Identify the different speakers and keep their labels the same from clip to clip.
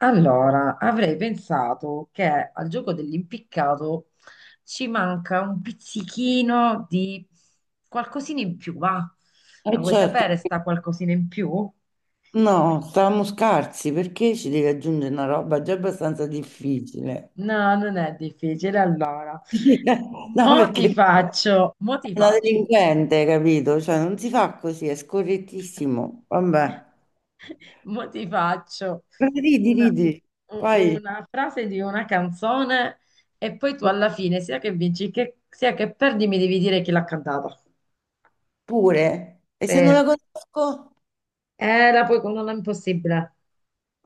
Speaker 1: Allora, avrei pensato che al gioco dell'impiccato ci manca un pizzichino di qualcosina in più, va? La
Speaker 2: Eh
Speaker 1: vuoi
Speaker 2: certo,
Speaker 1: sapere sta qualcosina in più?
Speaker 2: no, stavamo scarsi perché ci devi aggiungere una roba già abbastanza difficile.
Speaker 1: No, non è difficile. Allora,
Speaker 2: Sì, no,
Speaker 1: mo ti
Speaker 2: perché
Speaker 1: faccio, mo
Speaker 2: è
Speaker 1: ti
Speaker 2: una
Speaker 1: faccio,
Speaker 2: delinquente, capito? Cioè, non si fa così, è scorrettissimo. Vabbè,
Speaker 1: mo ti faccio
Speaker 2: però ridi,
Speaker 1: una,
Speaker 2: ridi, Poi
Speaker 1: una frase di una canzone e poi tu alla fine, sia che vinci che, sia che perdi, mi devi dire chi l'ha cantata.
Speaker 2: pure. E se non
Speaker 1: Sì.
Speaker 2: la conosco,
Speaker 1: Era poi con non è impossibile.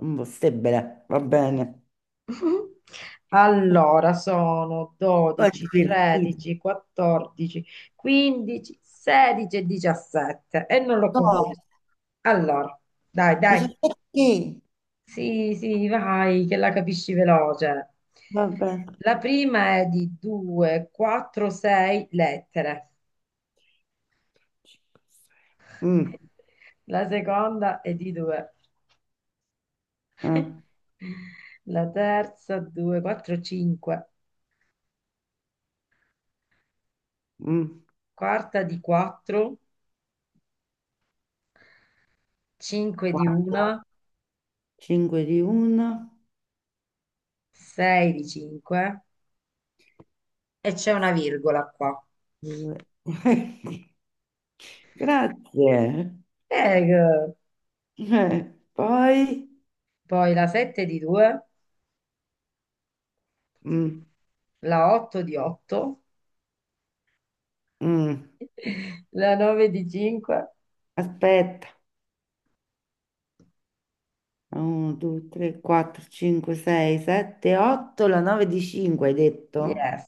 Speaker 2: un possibile, va bene.
Speaker 1: Allora, sono
Speaker 2: Poi è
Speaker 1: 12,
Speaker 2: divertito.
Speaker 1: 13, 14, 15, 16 e 17 e non l'ho
Speaker 2: No,
Speaker 1: concluso. Allora, dai,
Speaker 2: dice
Speaker 1: dai.
Speaker 2: perché?
Speaker 1: Sì, sì, vai, che la capisci veloce.
Speaker 2: Vabbè.
Speaker 1: La prima è di 2, 4, 6 lettere.
Speaker 2: Mm,
Speaker 1: La seconda è di 2.
Speaker 2: eh,
Speaker 1: La terza 2, 4, 5.
Speaker 2: mm.
Speaker 1: Quarta di 4, 5 di
Speaker 2: Guarda,
Speaker 1: 1,
Speaker 2: 5 di una,
Speaker 1: 6 di 5 e c'è una virgola qua.
Speaker 2: due. Grazie.
Speaker 1: Eh,
Speaker 2: Poi,
Speaker 1: poi la 7 di 2,
Speaker 2: mm,
Speaker 1: la 8 di 8,
Speaker 2: mm,
Speaker 1: la 9 di 5,
Speaker 2: aspetta, 1, 2, 3, 4, 5, 6, 7, 8, la 9 di 5 hai detto?
Speaker 1: yes,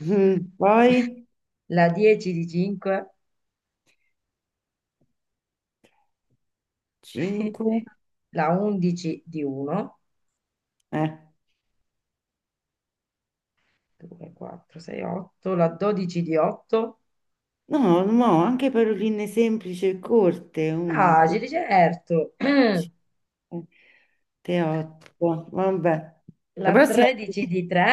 Speaker 2: Mm, poi
Speaker 1: la 10 di 5,
Speaker 2: 5,
Speaker 1: la 11 di 1,
Speaker 2: eh.
Speaker 1: 2, 4, 6, 8, la 12 di 8,
Speaker 2: No, no, anche paroline semplici e corte, 1, 2,
Speaker 1: facile, certo,
Speaker 2: 3, 8, vabbè. La
Speaker 1: la 13 di 3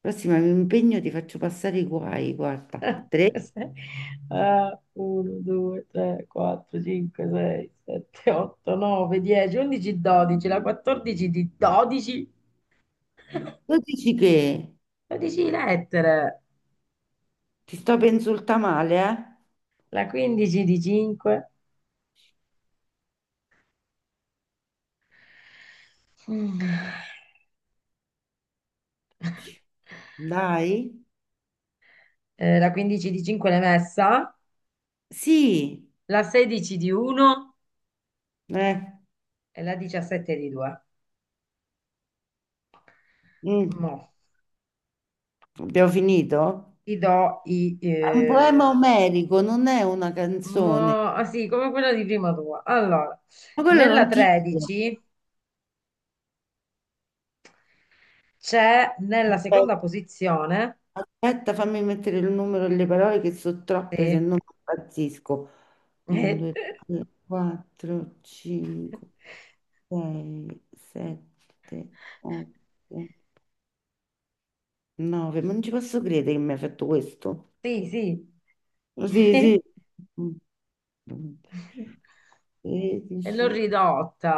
Speaker 2: Prossima mi impegno, ti faccio passare i guai, guarda. Tre.
Speaker 1: 1, 2, 3, 4, 5, 6, 7, 8, 9, 10, 11, 12, la 14 di 12,
Speaker 2: Tu dici che
Speaker 1: 12 lettere,
Speaker 2: ti sto per insultare male, eh?
Speaker 1: la 15 di 5,
Speaker 2: Ci- Dai.
Speaker 1: la 15 di 5 l'hai messa,
Speaker 2: Sì.
Speaker 1: la 16 di 1
Speaker 2: Eh.
Speaker 1: e la 17 di 2.
Speaker 2: Mm.
Speaker 1: Mo,
Speaker 2: Abbiamo finito?
Speaker 1: ti do i...
Speaker 2: È un poema omerico, non è una
Speaker 1: mo,
Speaker 2: canzone.
Speaker 1: ah, sì, come quella di prima tua. Allora,
Speaker 2: Ma quello
Speaker 1: nella
Speaker 2: non ti dico.
Speaker 1: 13... C'è nella seconda
Speaker 2: Aspetta,
Speaker 1: posizione.
Speaker 2: fammi mettere il numero e le parole che sono troppe, se
Speaker 1: Sì,
Speaker 2: no impazzisco. 1, 2, 3, 4, 5. 6, 7, 8, 9, ma non ci posso credere che mi hai fatto questo.
Speaker 1: eh, sì,
Speaker 2: Oh, sì, sì.
Speaker 1: sì.
Speaker 2: Mm.
Speaker 1: E l'ho
Speaker 2: 13,
Speaker 1: ridotta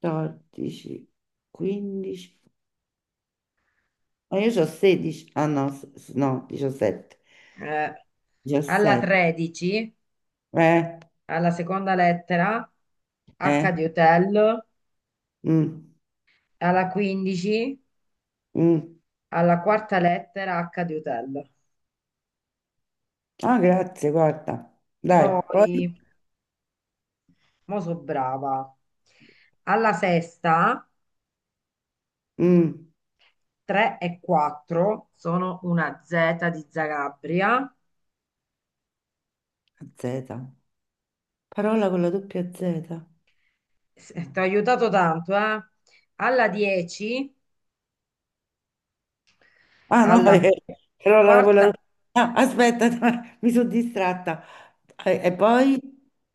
Speaker 2: 14, 15. Ma io ho 16. Ah no, no, 17.
Speaker 1: eh, alla
Speaker 2: 17.
Speaker 1: 13,
Speaker 2: Eh,
Speaker 1: alla seconda lettera, H
Speaker 2: eh.
Speaker 1: di hotel,
Speaker 2: mm,
Speaker 1: alla 15,
Speaker 2: mm.
Speaker 1: alla quarta lettera, H di hotel.
Speaker 2: Ah, grazie, guarda. Dai, poi.
Speaker 1: Poi, mo so brava. Alla sesta,
Speaker 2: Mm.
Speaker 1: 3 e 4 sono una Z di Zagabria.
Speaker 2: Z. Parola con la doppia Z.
Speaker 1: Ti ha aiutato tanto, eh? Alla 10,
Speaker 2: Ah no,
Speaker 1: alla
Speaker 2: però la, quella-
Speaker 1: quarta,
Speaker 2: ah, aspetta, no, mi sono distratta. E, poi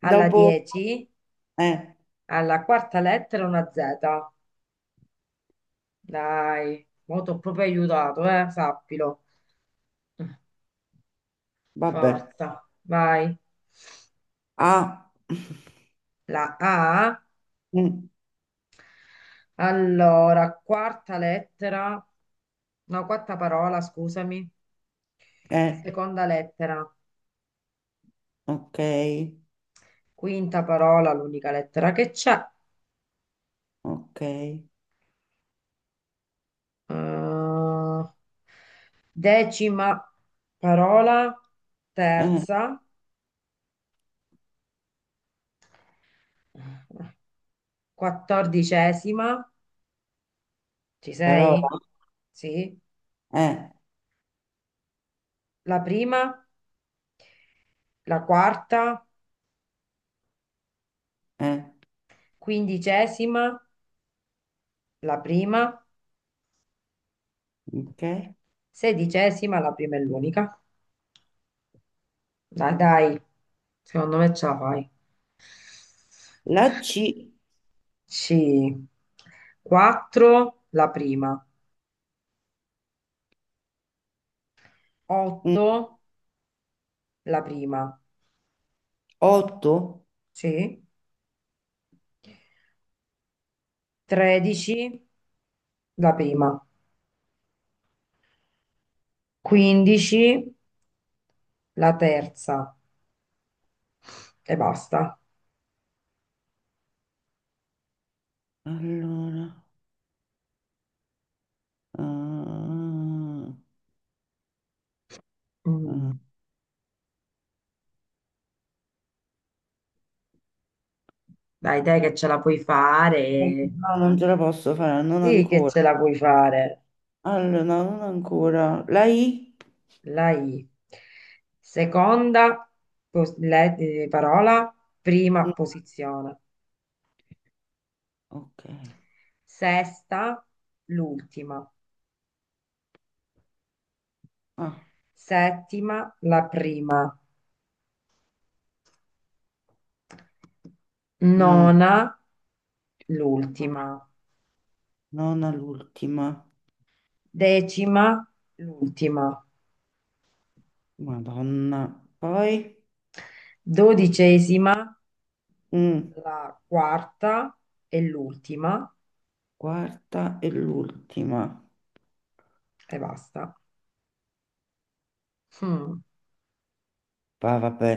Speaker 1: alla 10,
Speaker 2: Eh,
Speaker 1: alla quarta lettera una Z. Dai, mo t'ho proprio aiutato, eh? Sappilo.
Speaker 2: vabbè.
Speaker 1: Forza, vai.
Speaker 2: Ah,
Speaker 1: La A,
Speaker 2: mm,
Speaker 1: allora, quarta lettera, no, quarta parola, scusami,
Speaker 2: eh,
Speaker 1: seconda lettera,
Speaker 2: ok,
Speaker 1: quinta parola, l'unica lettera che c'è.
Speaker 2: ok.
Speaker 1: eh, Decima parola, terza, quattordicesima, ci
Speaker 2: Parola,
Speaker 1: sei? Sì.
Speaker 2: eh,
Speaker 1: La prima, la quarta,
Speaker 2: eh,
Speaker 1: quindicesima, la prima,
Speaker 2: ok.
Speaker 1: sedicesima, la prima e l'unica. Dai, dai, secondo me ce la fai.
Speaker 2: La C,
Speaker 1: C. 4 la prima, 8 la prima,
Speaker 2: 8.
Speaker 1: sì, 13 la prima, 15 la terza e basta.
Speaker 2: Allora... ah,
Speaker 1: Mm,
Speaker 2: ah.
Speaker 1: dai, dai che ce la puoi fare.
Speaker 2: No, non ce la posso fare, non
Speaker 1: Sì che
Speaker 2: ancora.
Speaker 1: ce la puoi fare.
Speaker 2: Allora, no, non ancora. La I?
Speaker 1: La I. Seconda parola, prima
Speaker 2: No,
Speaker 1: posizione.
Speaker 2: ok.
Speaker 1: Sesta, l'ultima.
Speaker 2: Ah.
Speaker 1: Settima, la prima.
Speaker 2: Mm.
Speaker 1: Nona, l'ultima.
Speaker 2: Nona l'ultima.
Speaker 1: Decima, l'ultima.
Speaker 2: Madonna. Poi,
Speaker 1: Dodicesima,
Speaker 2: mm,
Speaker 1: la quarta e l'ultima
Speaker 2: quarta e l'ultima.
Speaker 1: e basta. Mm.
Speaker 2: Va, vabbè.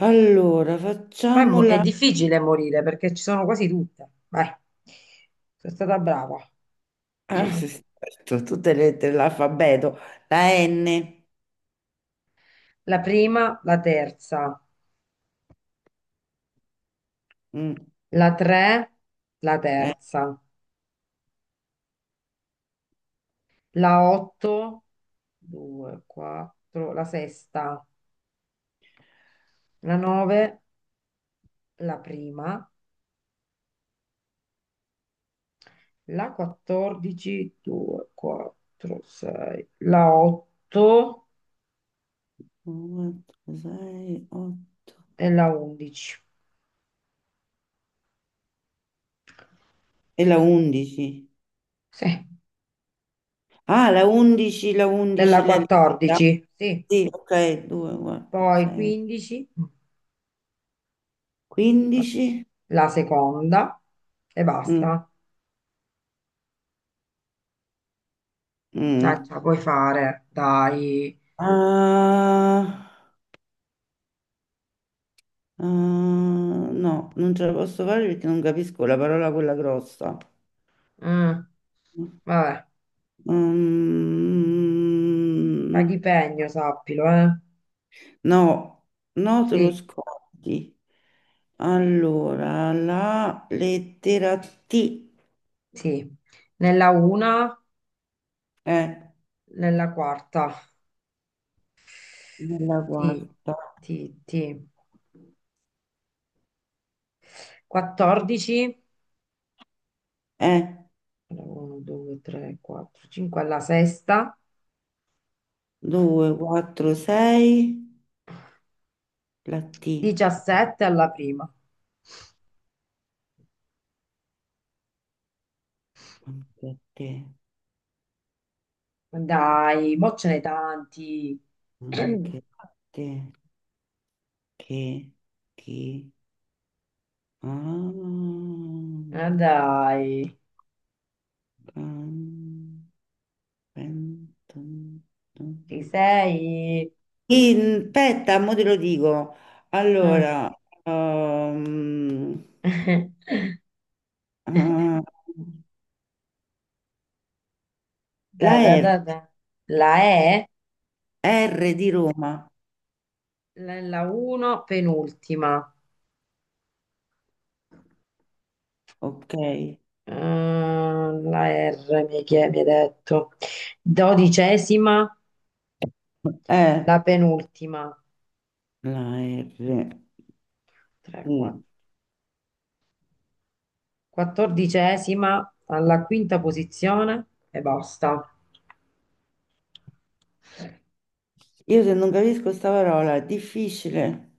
Speaker 2: Allora,
Speaker 1: Poi mo- è
Speaker 2: facciamola.
Speaker 1: difficile morire perché ci sono quasi tutte. Vai, sono stata brava.
Speaker 2: Ah, sì, sì, aspetta, tutte le lettere dell'alfabeto. La N.
Speaker 1: La prima, la terza,
Speaker 2: Mm,
Speaker 1: la tre, la
Speaker 2: eh,
Speaker 1: terza, la otto, due, quattro, la sesta, la nove, la prima, la quattordici, due, quattro, sei, la otto.
Speaker 2: uno, due, sei, otto.
Speaker 1: Della 11,
Speaker 2: E la 11.
Speaker 1: sì,
Speaker 2: Ah, la 11,
Speaker 1: della
Speaker 2: le lettere.
Speaker 1: 14, sì,
Speaker 2: Sì, ok, 2, 4,
Speaker 1: poi
Speaker 2: 6,
Speaker 1: 15,
Speaker 2: 15.
Speaker 1: la seconda e
Speaker 2: Mm,
Speaker 1: basta. Dai, ce la
Speaker 2: mm.
Speaker 1: puoi fare, dai.
Speaker 2: Ah. Ah, no, non ce la posso fare perché non capisco la parola quella grossa.
Speaker 1: Mm, vabbè,
Speaker 2: Mm,
Speaker 1: paghi sappilo, eh.
Speaker 2: no, no, te lo
Speaker 1: Sì,
Speaker 2: scordi. Allora, la lettera T
Speaker 1: sì, nella una,
Speaker 2: è
Speaker 1: nella quarta,
Speaker 2: nella
Speaker 1: sì,
Speaker 2: quarta.
Speaker 1: sì, sì. 14,
Speaker 2: È
Speaker 1: 1, 2, 3, 4, 5 alla sesta,
Speaker 2: 2, 4, 6, la T.
Speaker 1: 17 alla prima.
Speaker 2: Anche a te,
Speaker 1: Ma dai, mo ce n'è tanti.
Speaker 2: anche a te, che, chi, ah,
Speaker 1: Ma dai,
Speaker 2: can- Pen- ton-
Speaker 1: ci
Speaker 2: ton.
Speaker 1: sei?
Speaker 2: Aspetta, mo te lo dico.
Speaker 1: Mm.
Speaker 2: Allora, ehm, eh,
Speaker 1: Da,
Speaker 2: la
Speaker 1: da,
Speaker 2: R,
Speaker 1: da, da. La E,
Speaker 2: R
Speaker 1: pri-
Speaker 2: di Roma,
Speaker 1: la 1, penultima.
Speaker 2: ok.
Speaker 1: Mm, la R, mi hai detto. Dodicesima,
Speaker 2: Eh,
Speaker 1: la penultima.
Speaker 2: la R.
Speaker 1: 3, 4.
Speaker 2: Mm.
Speaker 1: Quattordicesima, alla quinta posizione e basta.
Speaker 2: Io se non capisco sta parola, è difficile.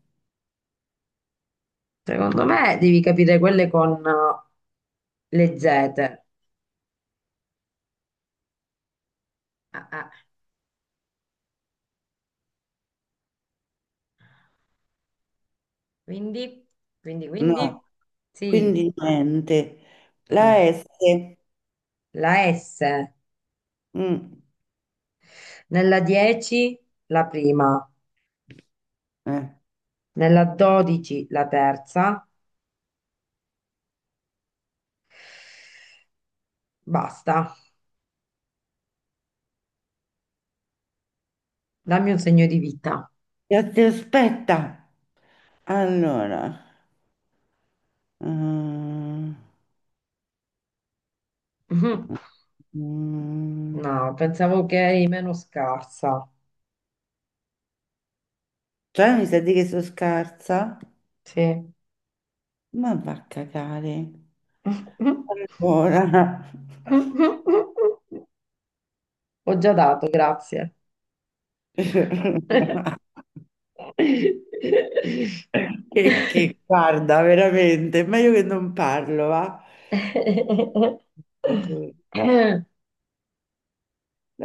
Speaker 1: Secondo me devi capire quelle con le Z. Ah, ah. Quindi, quindi,
Speaker 2: No,
Speaker 1: quindi, sì,
Speaker 2: quindi niente. La S.
Speaker 1: la S,
Speaker 2: Mm.
Speaker 1: nella 10 la prima,
Speaker 2: Eh.
Speaker 1: nella 12 la terza, basta, dammi un segno di vita.
Speaker 2: Aspetta. Allora. mm.
Speaker 1: Mhm.
Speaker 2: Mm,
Speaker 1: No, pensavo che eri meno scarsa.
Speaker 2: Cioè, mi sa di che sono scarsa?
Speaker 1: Sì.
Speaker 2: Ma va a cagare. Ancora.
Speaker 1: Ho già dato, grazie.
Speaker 2: Guarda, veramente, è meglio che non parlo, va? La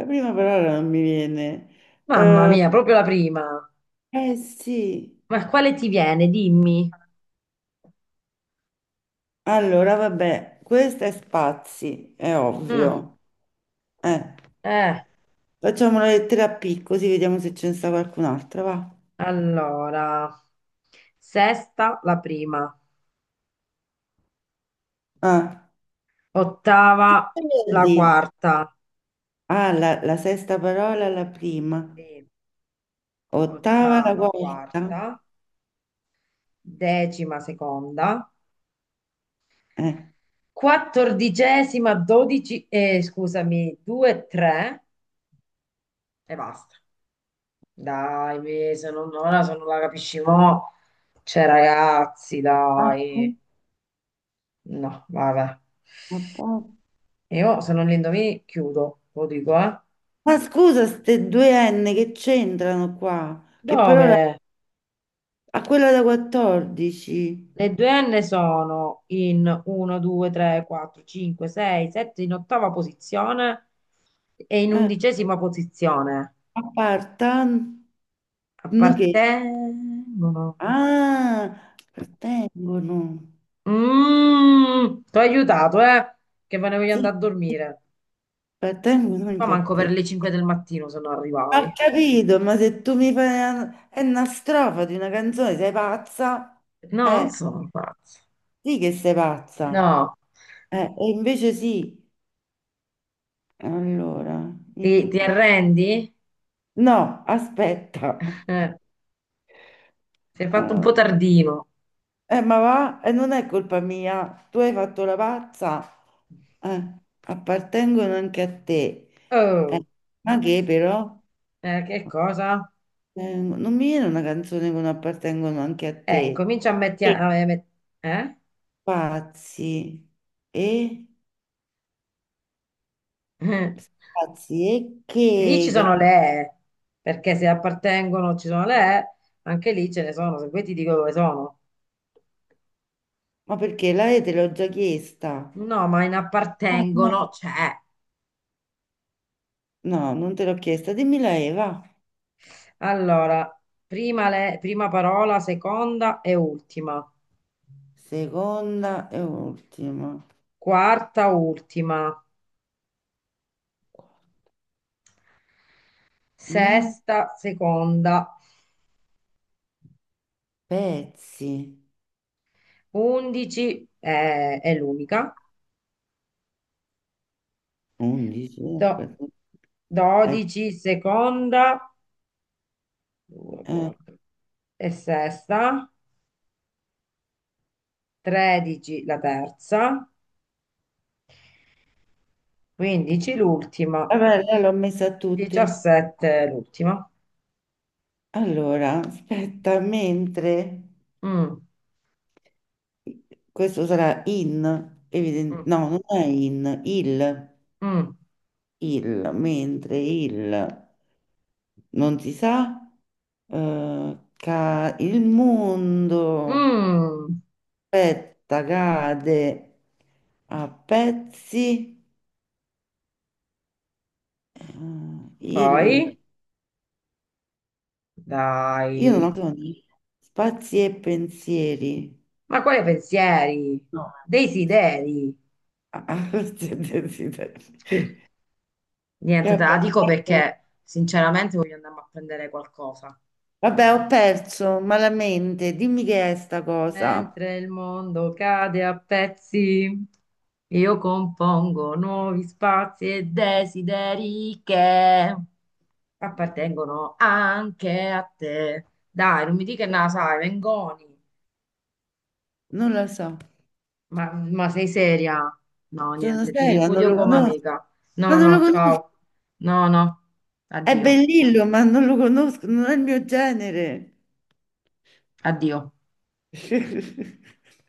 Speaker 2: prima parola non mi viene.
Speaker 1: Mamma
Speaker 2: Eh,
Speaker 1: mia, proprio la prima.
Speaker 2: eh sì,
Speaker 1: Ma quale ti viene? Dimmi.
Speaker 2: allora vabbè, questa è spazi, è
Speaker 1: Mm.
Speaker 2: ovvio. Eh,
Speaker 1: Eh,
Speaker 2: facciamo una lettera P così vediamo se ce ne sta qualcun'altra, va?
Speaker 1: allora, sesta la prima,
Speaker 2: Ah,
Speaker 1: ottava
Speaker 2: che vuol
Speaker 1: la
Speaker 2: dire?
Speaker 1: quarta,
Speaker 2: Ah, la sesta parola, la prima.
Speaker 1: sì.
Speaker 2: Ottava, la
Speaker 1: Ottava
Speaker 2: quarta.
Speaker 1: quarta, decima seconda,
Speaker 2: Eh.
Speaker 1: quattordicesima dodici, scusami, due, tre e basta. Dai, se non, ora se non la capisci mo, cioè ragazzi,
Speaker 2: Ah,
Speaker 1: dai.
Speaker 2: sì.
Speaker 1: No, vabbè.
Speaker 2: Ottava.
Speaker 1: Io se non li indovini chiudo, lo dico, eh.
Speaker 2: Ma scusa, ste due N che c'entrano qua? Che parola?
Speaker 1: Dove
Speaker 2: A quella da 14.
Speaker 1: le due N sono in 1, 2, 3, 4, 5, 6, 7 in ottava posizione e in
Speaker 2: Eh.
Speaker 1: undicesima posizione.
Speaker 2: Appartan... Che?
Speaker 1: Appartengono.
Speaker 2: Ah, appartengono.
Speaker 1: Mm, ti ho aiutato, eh? Che ve ne voglio
Speaker 2: Sì,
Speaker 1: andare a
Speaker 2: sì,
Speaker 1: dormire.
Speaker 2: appartengono
Speaker 1: Ma
Speaker 2: anche a
Speaker 1: manco per
Speaker 2: te.
Speaker 1: le 5 del mattino se non
Speaker 2: Ho
Speaker 1: arrivavi.
Speaker 2: capito, ma se tu mi fai una, è una strofa di una canzone, sei pazza?
Speaker 1: No, non
Speaker 2: Eh.
Speaker 1: sono pazzo.
Speaker 2: Sì che sei pazza.
Speaker 1: No,
Speaker 2: E invece sì. Allora,
Speaker 1: ti
Speaker 2: in-
Speaker 1: arrendi?
Speaker 2: no, aspetta.
Speaker 1: Eh, sei fatto un
Speaker 2: Eh,
Speaker 1: po' tardino.
Speaker 2: ma va, non è colpa mia. Tu hai fatto la pazza. Appartengono anche a te. Eh,
Speaker 1: Oh,
Speaker 2: ma che però?
Speaker 1: che cosa?
Speaker 2: Non mi viene una canzone che non appartengono anche a te.
Speaker 1: Incomincia a
Speaker 2: Che
Speaker 1: mettere... Eh?
Speaker 2: pazzi. E pazzi e
Speaker 1: Lì ci
Speaker 2: che?
Speaker 1: sono le E, perché se appartengono ci sono le E, anche lì ce ne sono, se vuoi ti dico dove sono.
Speaker 2: Ma perché la E te l'ho già chiesta?
Speaker 1: No, ma in
Speaker 2: Ah,
Speaker 1: appartengono
Speaker 2: no.
Speaker 1: c'è.
Speaker 2: No, non te l'ho chiesta. Dimmela Eva.
Speaker 1: Allora, prima, prima parola, seconda e ultima,
Speaker 2: Seconda e ultima.
Speaker 1: quarta, ultima,
Speaker 2: Men-
Speaker 1: sesta, seconda,
Speaker 2: Pezzi.
Speaker 1: undici è l'unica,
Speaker 2: 11.
Speaker 1: Do-
Speaker 2: Aspetta. Ecco.
Speaker 1: dodici, seconda, 2,
Speaker 2: Eh,
Speaker 1: 4 e sesta, 13 la terza, 15 l'ultima,
Speaker 2: vabbè, lei l'ho messa a tutti.
Speaker 1: 17 l'ultima.
Speaker 2: Allora, aspetta, mentre
Speaker 1: Mm,
Speaker 2: questo sarà in, evidente,
Speaker 1: mm,
Speaker 2: no, non è
Speaker 1: mm,
Speaker 2: mentre il non si sa, il mondo.
Speaker 1: mm.
Speaker 2: Aspetta, cade a pezzi il...
Speaker 1: Poi,
Speaker 2: Io non
Speaker 1: dai,
Speaker 2: ho bisogno. Spazi e pensieri.
Speaker 1: ma quali pensieri?
Speaker 2: No.
Speaker 1: Desideri?
Speaker 2: Ah, sì, desideri. Che ho
Speaker 1: Niente, te la dico
Speaker 2: perso.
Speaker 1: perché sinceramente voglio andare a prendere qualcosa.
Speaker 2: Vabbè, ho perso malamente. Dimmi che è sta cosa.
Speaker 1: Mentre il mondo cade a pezzi, io compongo nuovi spazi e desideri che appartengono anche a te. Dai, non mi dica na, sai, Mengoni.
Speaker 2: Non lo so.
Speaker 1: Ma sei seria? No,
Speaker 2: Sono
Speaker 1: niente, ti
Speaker 2: seria, non
Speaker 1: ripudio
Speaker 2: lo
Speaker 1: come
Speaker 2: conosco.
Speaker 1: amica.
Speaker 2: Ma
Speaker 1: No,
Speaker 2: non lo
Speaker 1: no,
Speaker 2: conosco.
Speaker 1: ciao. No, no,
Speaker 2: È
Speaker 1: addio,
Speaker 2: bellillo, ma non lo conosco. Non è il mio genere.
Speaker 1: addio.